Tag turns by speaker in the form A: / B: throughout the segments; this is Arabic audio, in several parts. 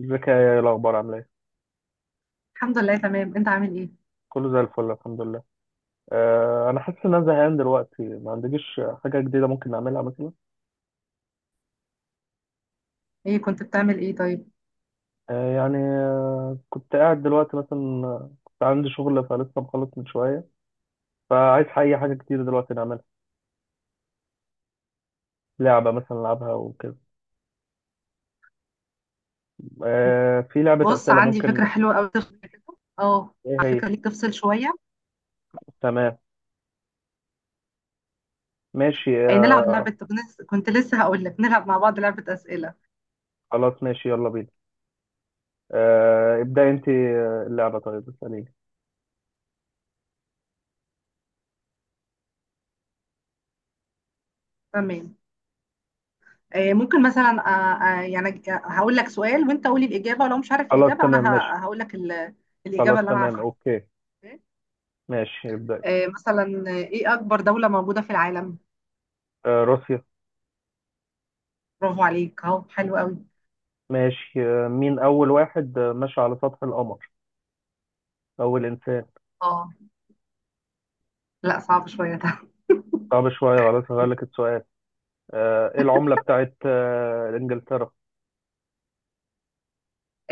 A: ازيك يا الاخبار؟ عامله ايه؟
B: الحمد لله، تمام. انت عامل ايه؟
A: كله زي الفل، الحمد لله. انا حاسس ان انا زهقان دلوقتي، ما عندكيش حاجه جديده ممكن نعملها مثلا؟
B: ايه، كنت بتعمل ايه طيب؟
A: أه يعني أه كنت قاعد دلوقتي مثلا. كنت عندي شغل فلسه مخلص من شويه، فعايز اي حاجه جديده دلوقتي نعملها، لعبه مثلا نلعبها وكده. في لعبه
B: بص،
A: اسئله
B: عندي فكره
A: ممكن.
B: حلوه قوي. اه،
A: ايه
B: على
A: هي؟
B: فكره ليك تفصل شويه.
A: تمام ماشي
B: ايه،
A: أه.
B: نلعب لعبه. كنت لسه هقول لك نلعب مع بعض لعبه اسئله.
A: خلاص ماشي يلا بينا. ابدأ انت. اللعبه طيب اساليني.
B: تمام. ايه، ممكن مثلا يعني هقول لك سؤال، وانت قولي الاجابه. ولو مش عارف
A: خلاص
B: الاجابه، انا
A: تمام ماشي.
B: هقول لك
A: خلاص
B: الاجابه اللي انا
A: تمام
B: عارفها.
A: اوكي. ماشي ابدأ.
B: ايه مثلا، ايه اكبر دوله موجوده في العالم؟
A: روسيا.
B: برافو عليك، اهو حلو قوي.
A: ماشي. مين أول واحد مشى على سطح القمر؟ أول إنسان.
B: اه، لا، صعب شويه ده.
A: صعب شوية، خلاص هغير لك السؤال. إيه العملة بتاعت إنجلترا؟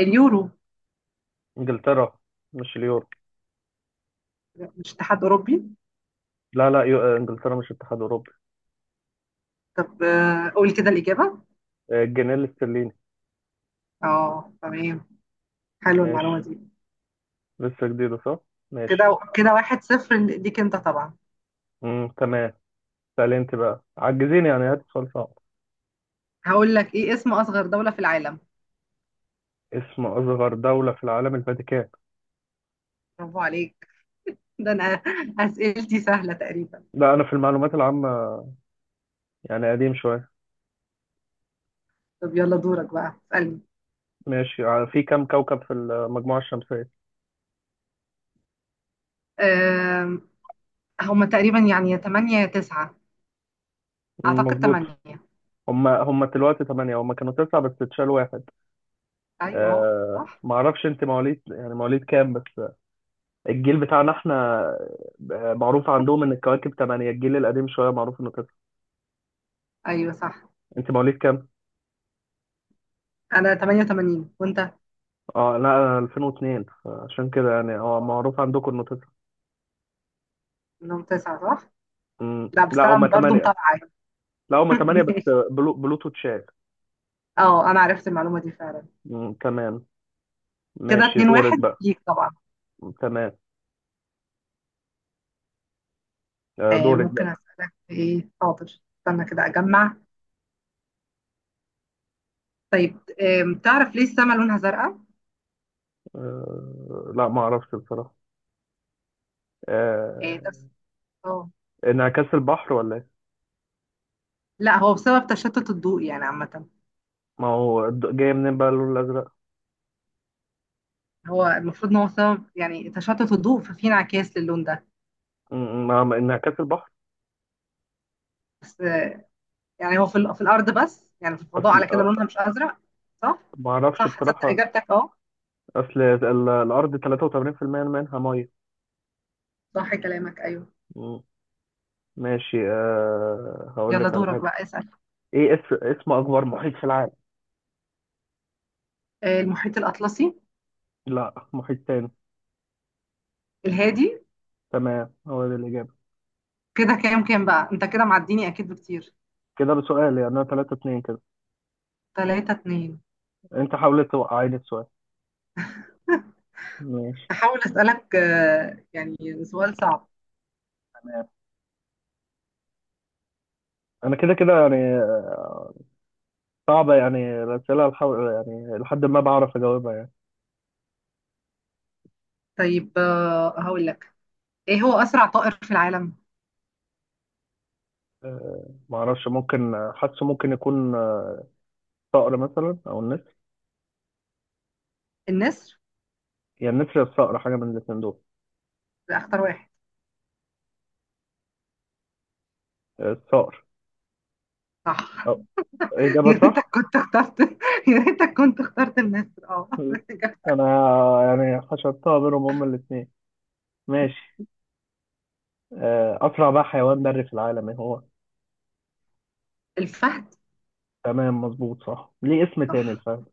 B: اليورو.
A: إنجلترا مش اليورو.
B: مش اتحاد اوروبي؟
A: لا لا، إنجلترا مش اتحاد أوروبي.
B: طب، قول كده الاجابه.
A: الجنيه الاسترليني.
B: اه، تمام. حلو
A: ماشي،
B: المعلومة دي.
A: لسه جديدة صح؟ ماشي.
B: كده كده، واحد صفر ليك انت طبعا.
A: مم. تمام. سألي أنت بقى، عجزين يعني هات سؤال صعب.
B: هقول لك، ايه اسم اصغر دولة في العالم؟
A: اسم أصغر دولة في العالم الفاتيكان.
B: برافو عليك. ده انا. اسئلتي سهلة تقريبا.
A: لا أنا في المعلومات العامة يعني قديم شوية.
B: طب يلا، دورك بقى، اسألني.
A: ماشي. في كم كوكب في المجموعة الشمسية؟
B: أم، هما تقريبا يعني، يا 8 يا 9.
A: مم،
B: اعتقد
A: مظبوط.
B: 8.
A: هم دلوقتي ثمانية، هم كانوا تسعة بس اتشال واحد.
B: ايوه
A: آه
B: صح.
A: ما اعرفش انت مواليد، يعني مواليد كام بس؟ الجيل بتاعنا احنا. معروف عندهم ان الكواكب ثمانية، الجيل القديم شوية معروف انه تسعة.
B: ايوه صح.
A: انت مواليد كام؟
B: انا 88، وانت؟
A: اه لا انا 2002، عشان كده يعني اه معروف عندكم انه تسعة.
B: منهم 9، صح.
A: مم.
B: لا
A: لا
B: بس انا
A: هم
B: برضه
A: ثمانية.
B: متابعة.
A: لا هم ثمانية بس.
B: ماشي.
A: بلوتو اتشال.
B: اه، انا عرفت المعلومة دي فعلا.
A: مم، تمام.
B: كده
A: ماشي
B: 2
A: دورك
B: 1
A: بقى.
B: ليك طبعا.
A: تمام. دورك
B: ممكن
A: بقى.
B: أسألك في إيه؟ حاضر، استنى كده أجمع. طيب، تعرف ليه السما لونها زرقاء؟
A: لا ما اعرفش بصراحة. آه،
B: آه، ده بس- اه.
A: انعكاس البحر ولا؟
B: لا، هو بسبب تشتت الضوء يعني عامة.
A: ما هو جاي منين بقى اللون الازرق.
B: هو المفروض إن هو سبب يعني تشتت الضوء، ففي انعكاس للون ده.
A: انعكاس البحر.
B: بس يعني هو في الأرض، بس يعني في الفضاء
A: اصل
B: على كده
A: أ-
B: لونها مش أزرق. صح؟
A: ما اعرفش
B: صح، تصدق
A: بصراحه.
B: إجابتك؟ أه.
A: اصل الارض 83% منها ميه.
B: صح كلامك، أيوه.
A: م- ماشي أه هقول
B: يلا،
A: لك على
B: دورك
A: حاجه.
B: بقى اسأل.
A: ايه اسم اكبر محيط في العالم؟
B: المحيط الأطلسي.
A: لا محيط تاني.
B: الهادي.
A: تمام هو ده الاجابه.
B: كده كام كام بقى؟ أنت كده معديني أكيد بكتير.
A: كده بسؤال يعني، انا 3-2 كده.
B: 3-2.
A: انت حاولت توقعيني السؤال. ماشي.
B: هحاول أسألك يعني سؤال صعب.
A: تمام. انا كده كده يعني. صعبه يعني الاسئله الحو... يعني لحد ما بعرف اجاوبها يعني.
B: طيب، هقول لك. ايه هو أسرع طائر في العالم؟
A: ما اعرفش، ممكن حاسه، ممكن يكون الصقر مثلا او النسر.
B: النسر.
A: يا النسر يا الصقر، حاجه من الاثنين دول.
B: لا، اختار واحد.
A: الصقر.
B: صح.
A: أو. اجابه
B: يا ريتك
A: صح.
B: كنت اخترت. يا ريتك كنت اخترت النسر، اه.
A: انا يعني حشرتها بينهم هما الاثنين. ماشي. اسرع بقى حيوان بري في العالم ايه هو؟
B: الفهد.
A: تمام مظبوط صح. ليه اسم تاني
B: صح.
A: الفهد؟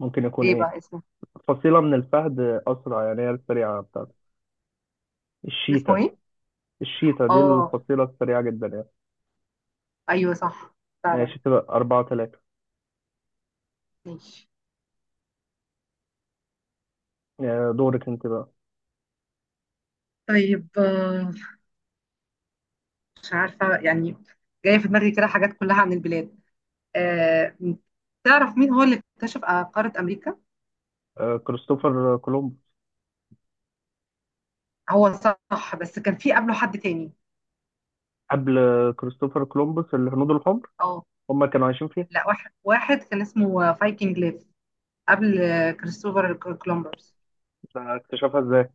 A: ممكن يكون
B: ايه
A: ايه؟
B: بقى اسمه؟
A: فصيلة من الفهد، أسرع يعني هي السريعة بتاعته،
B: اسمه
A: الشيتا.
B: ايه؟
A: الشيتا دي
B: اه.
A: الفصيلة السريعة جدا يعني.
B: ايوه صح. فعلا.
A: ماشي كده 4-3.
B: ماشي.
A: دورك أنت بقى.
B: طيب، مش عارفة يعني. جاية في دماغي كده حاجات كلها عن البلاد. آه، تعرف مين هو اللي اكتشف قارة أمريكا؟
A: كريستوفر كولومبوس.
B: هو صح، بس كان في قبله حد تاني.
A: قبل كريستوفر كولومبوس الهنود الحمر،
B: اه.
A: هم كانوا عايشين فيها.
B: لا، واحد واحد كان اسمه فايكنج ليف. قبل كريستوفر كولومبرز.
A: اكتشفها ازاي؟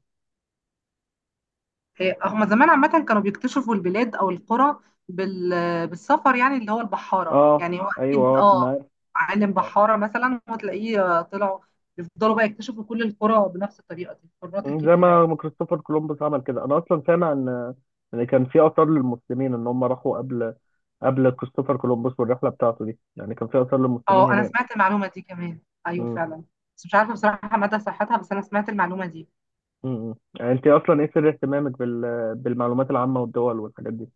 B: إيه، هما زمان عامة كانوا بيكتشفوا البلاد أو القرى بالسفر يعني، اللي هو البحارة،
A: اه
B: يعني هو
A: ايوه
B: أكيد.
A: اه أنا
B: اه.
A: عارف.
B: عالم بحارة مثلا وتلاقيه طلعوا بيفضلوا بقى يكتشفوا كل القرى بنفس الطريقة دي، القارات
A: يعني زي
B: الكبيرة
A: ما
B: يعني.
A: ما كريستوفر كولومبوس عمل كده. انا اصلا سامع ان كان في اثار للمسلمين، ان هم راحوا قبل كريستوفر كولومبوس والرحله بتاعته دي، يعني كان في اثار للمسلمين
B: اه، أنا
A: هناك.
B: سمعت المعلومة دي كمان. أيوه
A: امم.
B: فعلا. بس مش عارفة بصراحة مدى صحتها، بس أنا سمعت المعلومة دي.
A: يعني انت اصلا ايه سر اهتمامك بالمعلومات العامه والدول والحاجات دي؟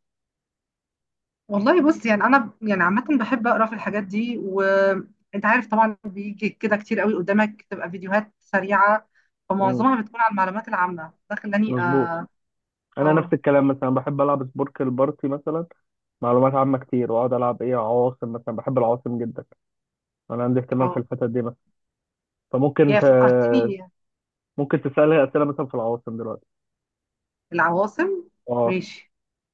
B: والله بص، يعني انا يعني عامه بحب اقرا في الحاجات دي، وانت عارف طبعا بيجي كده كتير قوي قدامك تبقى فيديوهات سريعه.
A: امم،
B: فمعظمها بتكون عن المعلومات العامه، ده خلاني
A: مظبوط.
B: اه.
A: انا نفس
B: اه،
A: الكلام، مثلا بحب العب سبورك البارتي مثلا، معلومات عامة كتير، واقعد العب ايه، عواصم مثلا، بحب العواصم جدا. انا عندي اهتمام في
B: اه،
A: الحتت دي مثلا. فممكن
B: يا
A: ت...
B: فكرتني.
A: ممكن تسألها أسئلة مثلا في العواصم دلوقتي.
B: العواصم.
A: اه
B: ماشي.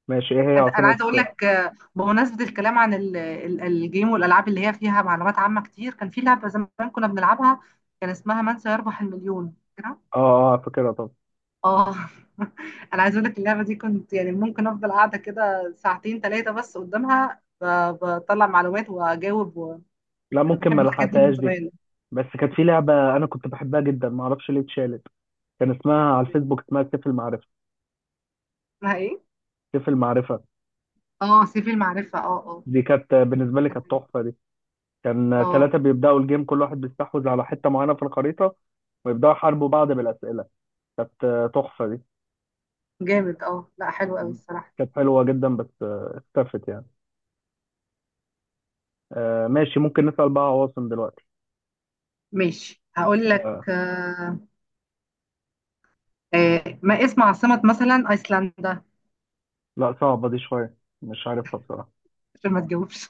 A: ماشي. ايه هي
B: أنا
A: عاصمة
B: عايزه اقول
A: اه.
B: لك، بمناسبه الكلام عن الجيم والالعاب اللي هي فيها معلومات عامه كتير، كان في لعبه زمان كنا بنلعبها. كان اسمها من سيربح المليون.
A: اه فاكرها طبعا.
B: اه. انا عايز اقول لك اللعبه دي كنت يعني ممكن افضل قاعده كده ساعتين ثلاثه بس قدامها، بطلع معلومات واجاوب.
A: لا
B: انا
A: ممكن
B: بحب
A: ما
B: الحاجات دي من
A: لحقتهاش دي.
B: زمان.
A: بس كانت في لعبة أنا كنت بحبها جدا، ما أعرفش ليه اتشالت. كان اسمها على الفيسبوك اسمها سيف المعرفة.
B: اسمها ايه؟
A: سيف المعرفة
B: اه، سيف المعرفه. اه، اه،
A: دي كانت بالنسبة لي كانت تحفة دي. كان
B: اه.
A: ثلاثة بيبدأوا الجيم، كل واحد بيستحوذ على حتة معينة في الخريطة، ويبدأوا يحاربوا بعض بالأسئلة. كانت تحفة دي.
B: جامد اه، لا حلو قوي الصراحه.
A: كانت حلوة جدا، بس اختفت يعني. ماشي، ممكن نسأل بقى عواصم دلوقتي.
B: ماشي، هقول لك
A: آه،
B: ما اسم عاصمه مثلا ايسلندا؟
A: لا صعبة دي شوية، مش عارفها بصراحة.
B: عشان ما تجاوبش.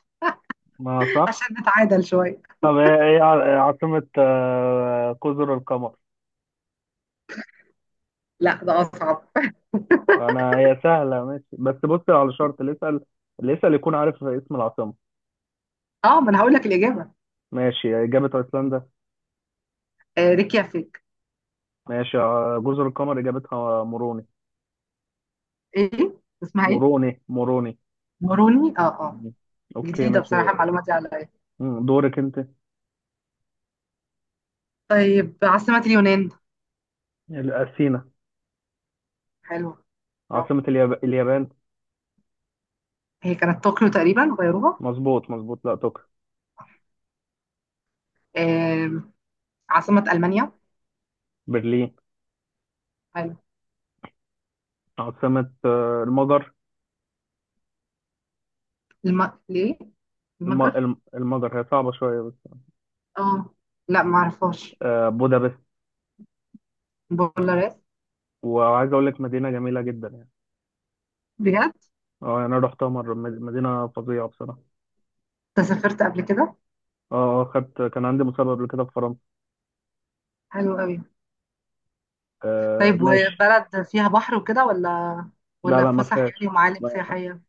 A: ما
B: عشان
A: صح.
B: نتعادل شويه.
A: طب ايه عاصمة جزر القمر؟
B: لا، ده اصعب.
A: انا هي سهلة ماشي، بس بص على شرط، اللي يسأل يكون عارف اسم العاصمة.
B: اه، ما انا هقول لك الاجابه.
A: ماشي، إجابة أيسلندا.
B: ريكيافيك.
A: ماشي، جزر القمر إجابتها موروني.
B: ايه؟ اسمها ايه؟
A: موروني موروني.
B: موروني. اه، اه.
A: مم. أوكي
B: جديدة
A: ماشي.
B: بصراحة المعلومة دي عليا.
A: مم، دورك أنت.
B: طيب، عاصمة اليونان؟
A: أثينا.
B: حلوة. برافو.
A: عاصمة اليابان.
B: هي كانت طوكيو تقريبا، غيروها؟
A: مظبوط لا تقل.
B: آم، عاصمة ألمانيا؟
A: برلين.
B: حلو.
A: عاصمة المجر.
B: ليه؟ المجر؟
A: المجر هي صعبة شوية بس.
B: اه، لا معرفهاش.
A: بودابست.
B: بولاريس.
A: وعايز أقول لك مدينة جميلة جدا.
B: بجد؟
A: اه يعني انا رحتها مره، مدينه فظيعه بصراحه.
B: انت سافرت قبل كده؟
A: اه اه خدت، كان عندي مسابقه قبل كده في فرنسا.
B: حلو قوي.
A: آه
B: طيب،
A: ماشي.
B: وبلد فيها بحر وكده ولا،
A: لا
B: ولا
A: لا ما
B: فسح يعني
A: فيهاش.
B: ومعالم
A: ما-
B: سياحية؟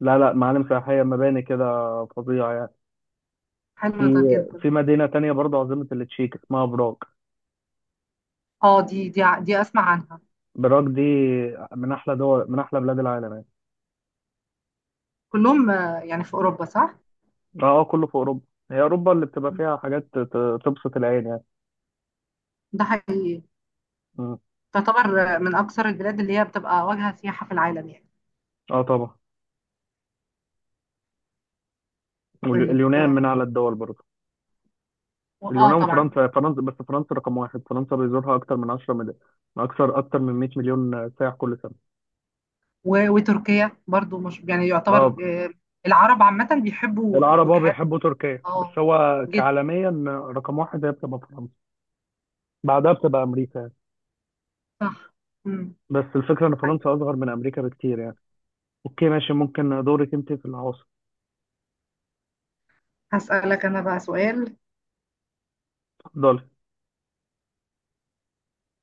A: لا لا معالم سياحيه، مباني كده، فظيعه يعني.
B: حلو ده
A: في
B: جدا.
A: في مدينه تانية برضه، عاصمه التشيك اسمها براغ.
B: اه، دي اسمع عنها.
A: براغ دي من احلى دول، من احلى بلاد العالم يعني.
B: كلهم يعني في اوروبا، صح؟
A: اه اه كله في اوروبا. هي اوروبا اللي بتبقى فيها حاجات تبسط العين يعني.
B: ده حقيقي.
A: مم.
B: تعتبر من أكثر البلاد اللي هي بتبقى واجهة سياحة في العالم يعني.
A: اه طبعا.
B: طيب.
A: واليونان من اعلى الدول برضه.
B: اه
A: اليونان
B: طبعا.
A: وفرنسا، فرنسا بس، فرنسا رقم واحد، فرنسا بيزورها اكتر من 10 مليون، اكتر من 100 مليون سائح كل سنه.
B: وتركيا برضو مش يعني يعتبر
A: اه.
B: العرب عامة بيحبوا
A: العرب اه
B: الوجهات.
A: بيحبوا تركيا، بس
B: اه،
A: هو
B: جدا.
A: كعالميا رقم واحد هي بتبقى فرنسا، بعدها بتبقى امريكا يعني.
B: صح. مم.
A: بس الفكره ان
B: طيب،
A: فرنسا اصغر من امريكا بكتير يعني. اوكي ماشي، ممكن دورك انت في العواصم.
B: هسألك أنا بقى سؤال.
A: اتفضلي.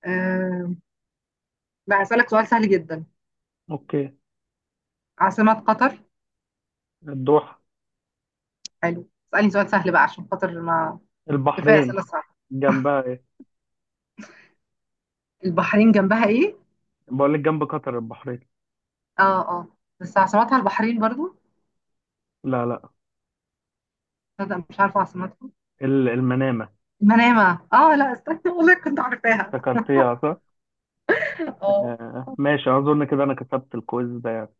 B: آه، لا، هسألك سؤال سهل جدا.
A: اوكي.
B: عاصمة قطر؟
A: الدوحه.
B: حلو. اسألني سؤال سهل بقى عشان خاطر ما. كفاية
A: البحرين
B: أسئلة صعبة.
A: جنبها ايه؟
B: البحرين جنبها إيه؟
A: بقول لك جنب قطر البحرين.
B: اه، اه. بس عاصمتها البحرين برضو؟
A: لا لا.
B: تصدق مش عارفة عاصمتها.
A: المنامه.
B: منامة، اه. لا استنى، والله كنت عارفاها.
A: افتكرتيها صح.
B: اه.
A: آه ماشي، اظن كده انا كسبت الكويز ده يعني.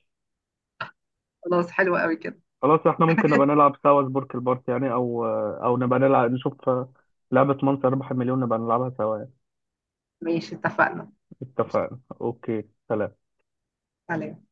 B: خلاص، حلو قوي كده.
A: خلاص احنا ممكن نبقى نلعب سوا سبورك البارت يعني، او او نبقى نلعب نشوف لعبة من سيربح المليون نبقى نلعبها سوا يعني.
B: ماشي، اتفقنا.
A: اتفقنا اوكي، سلام.
B: عليك.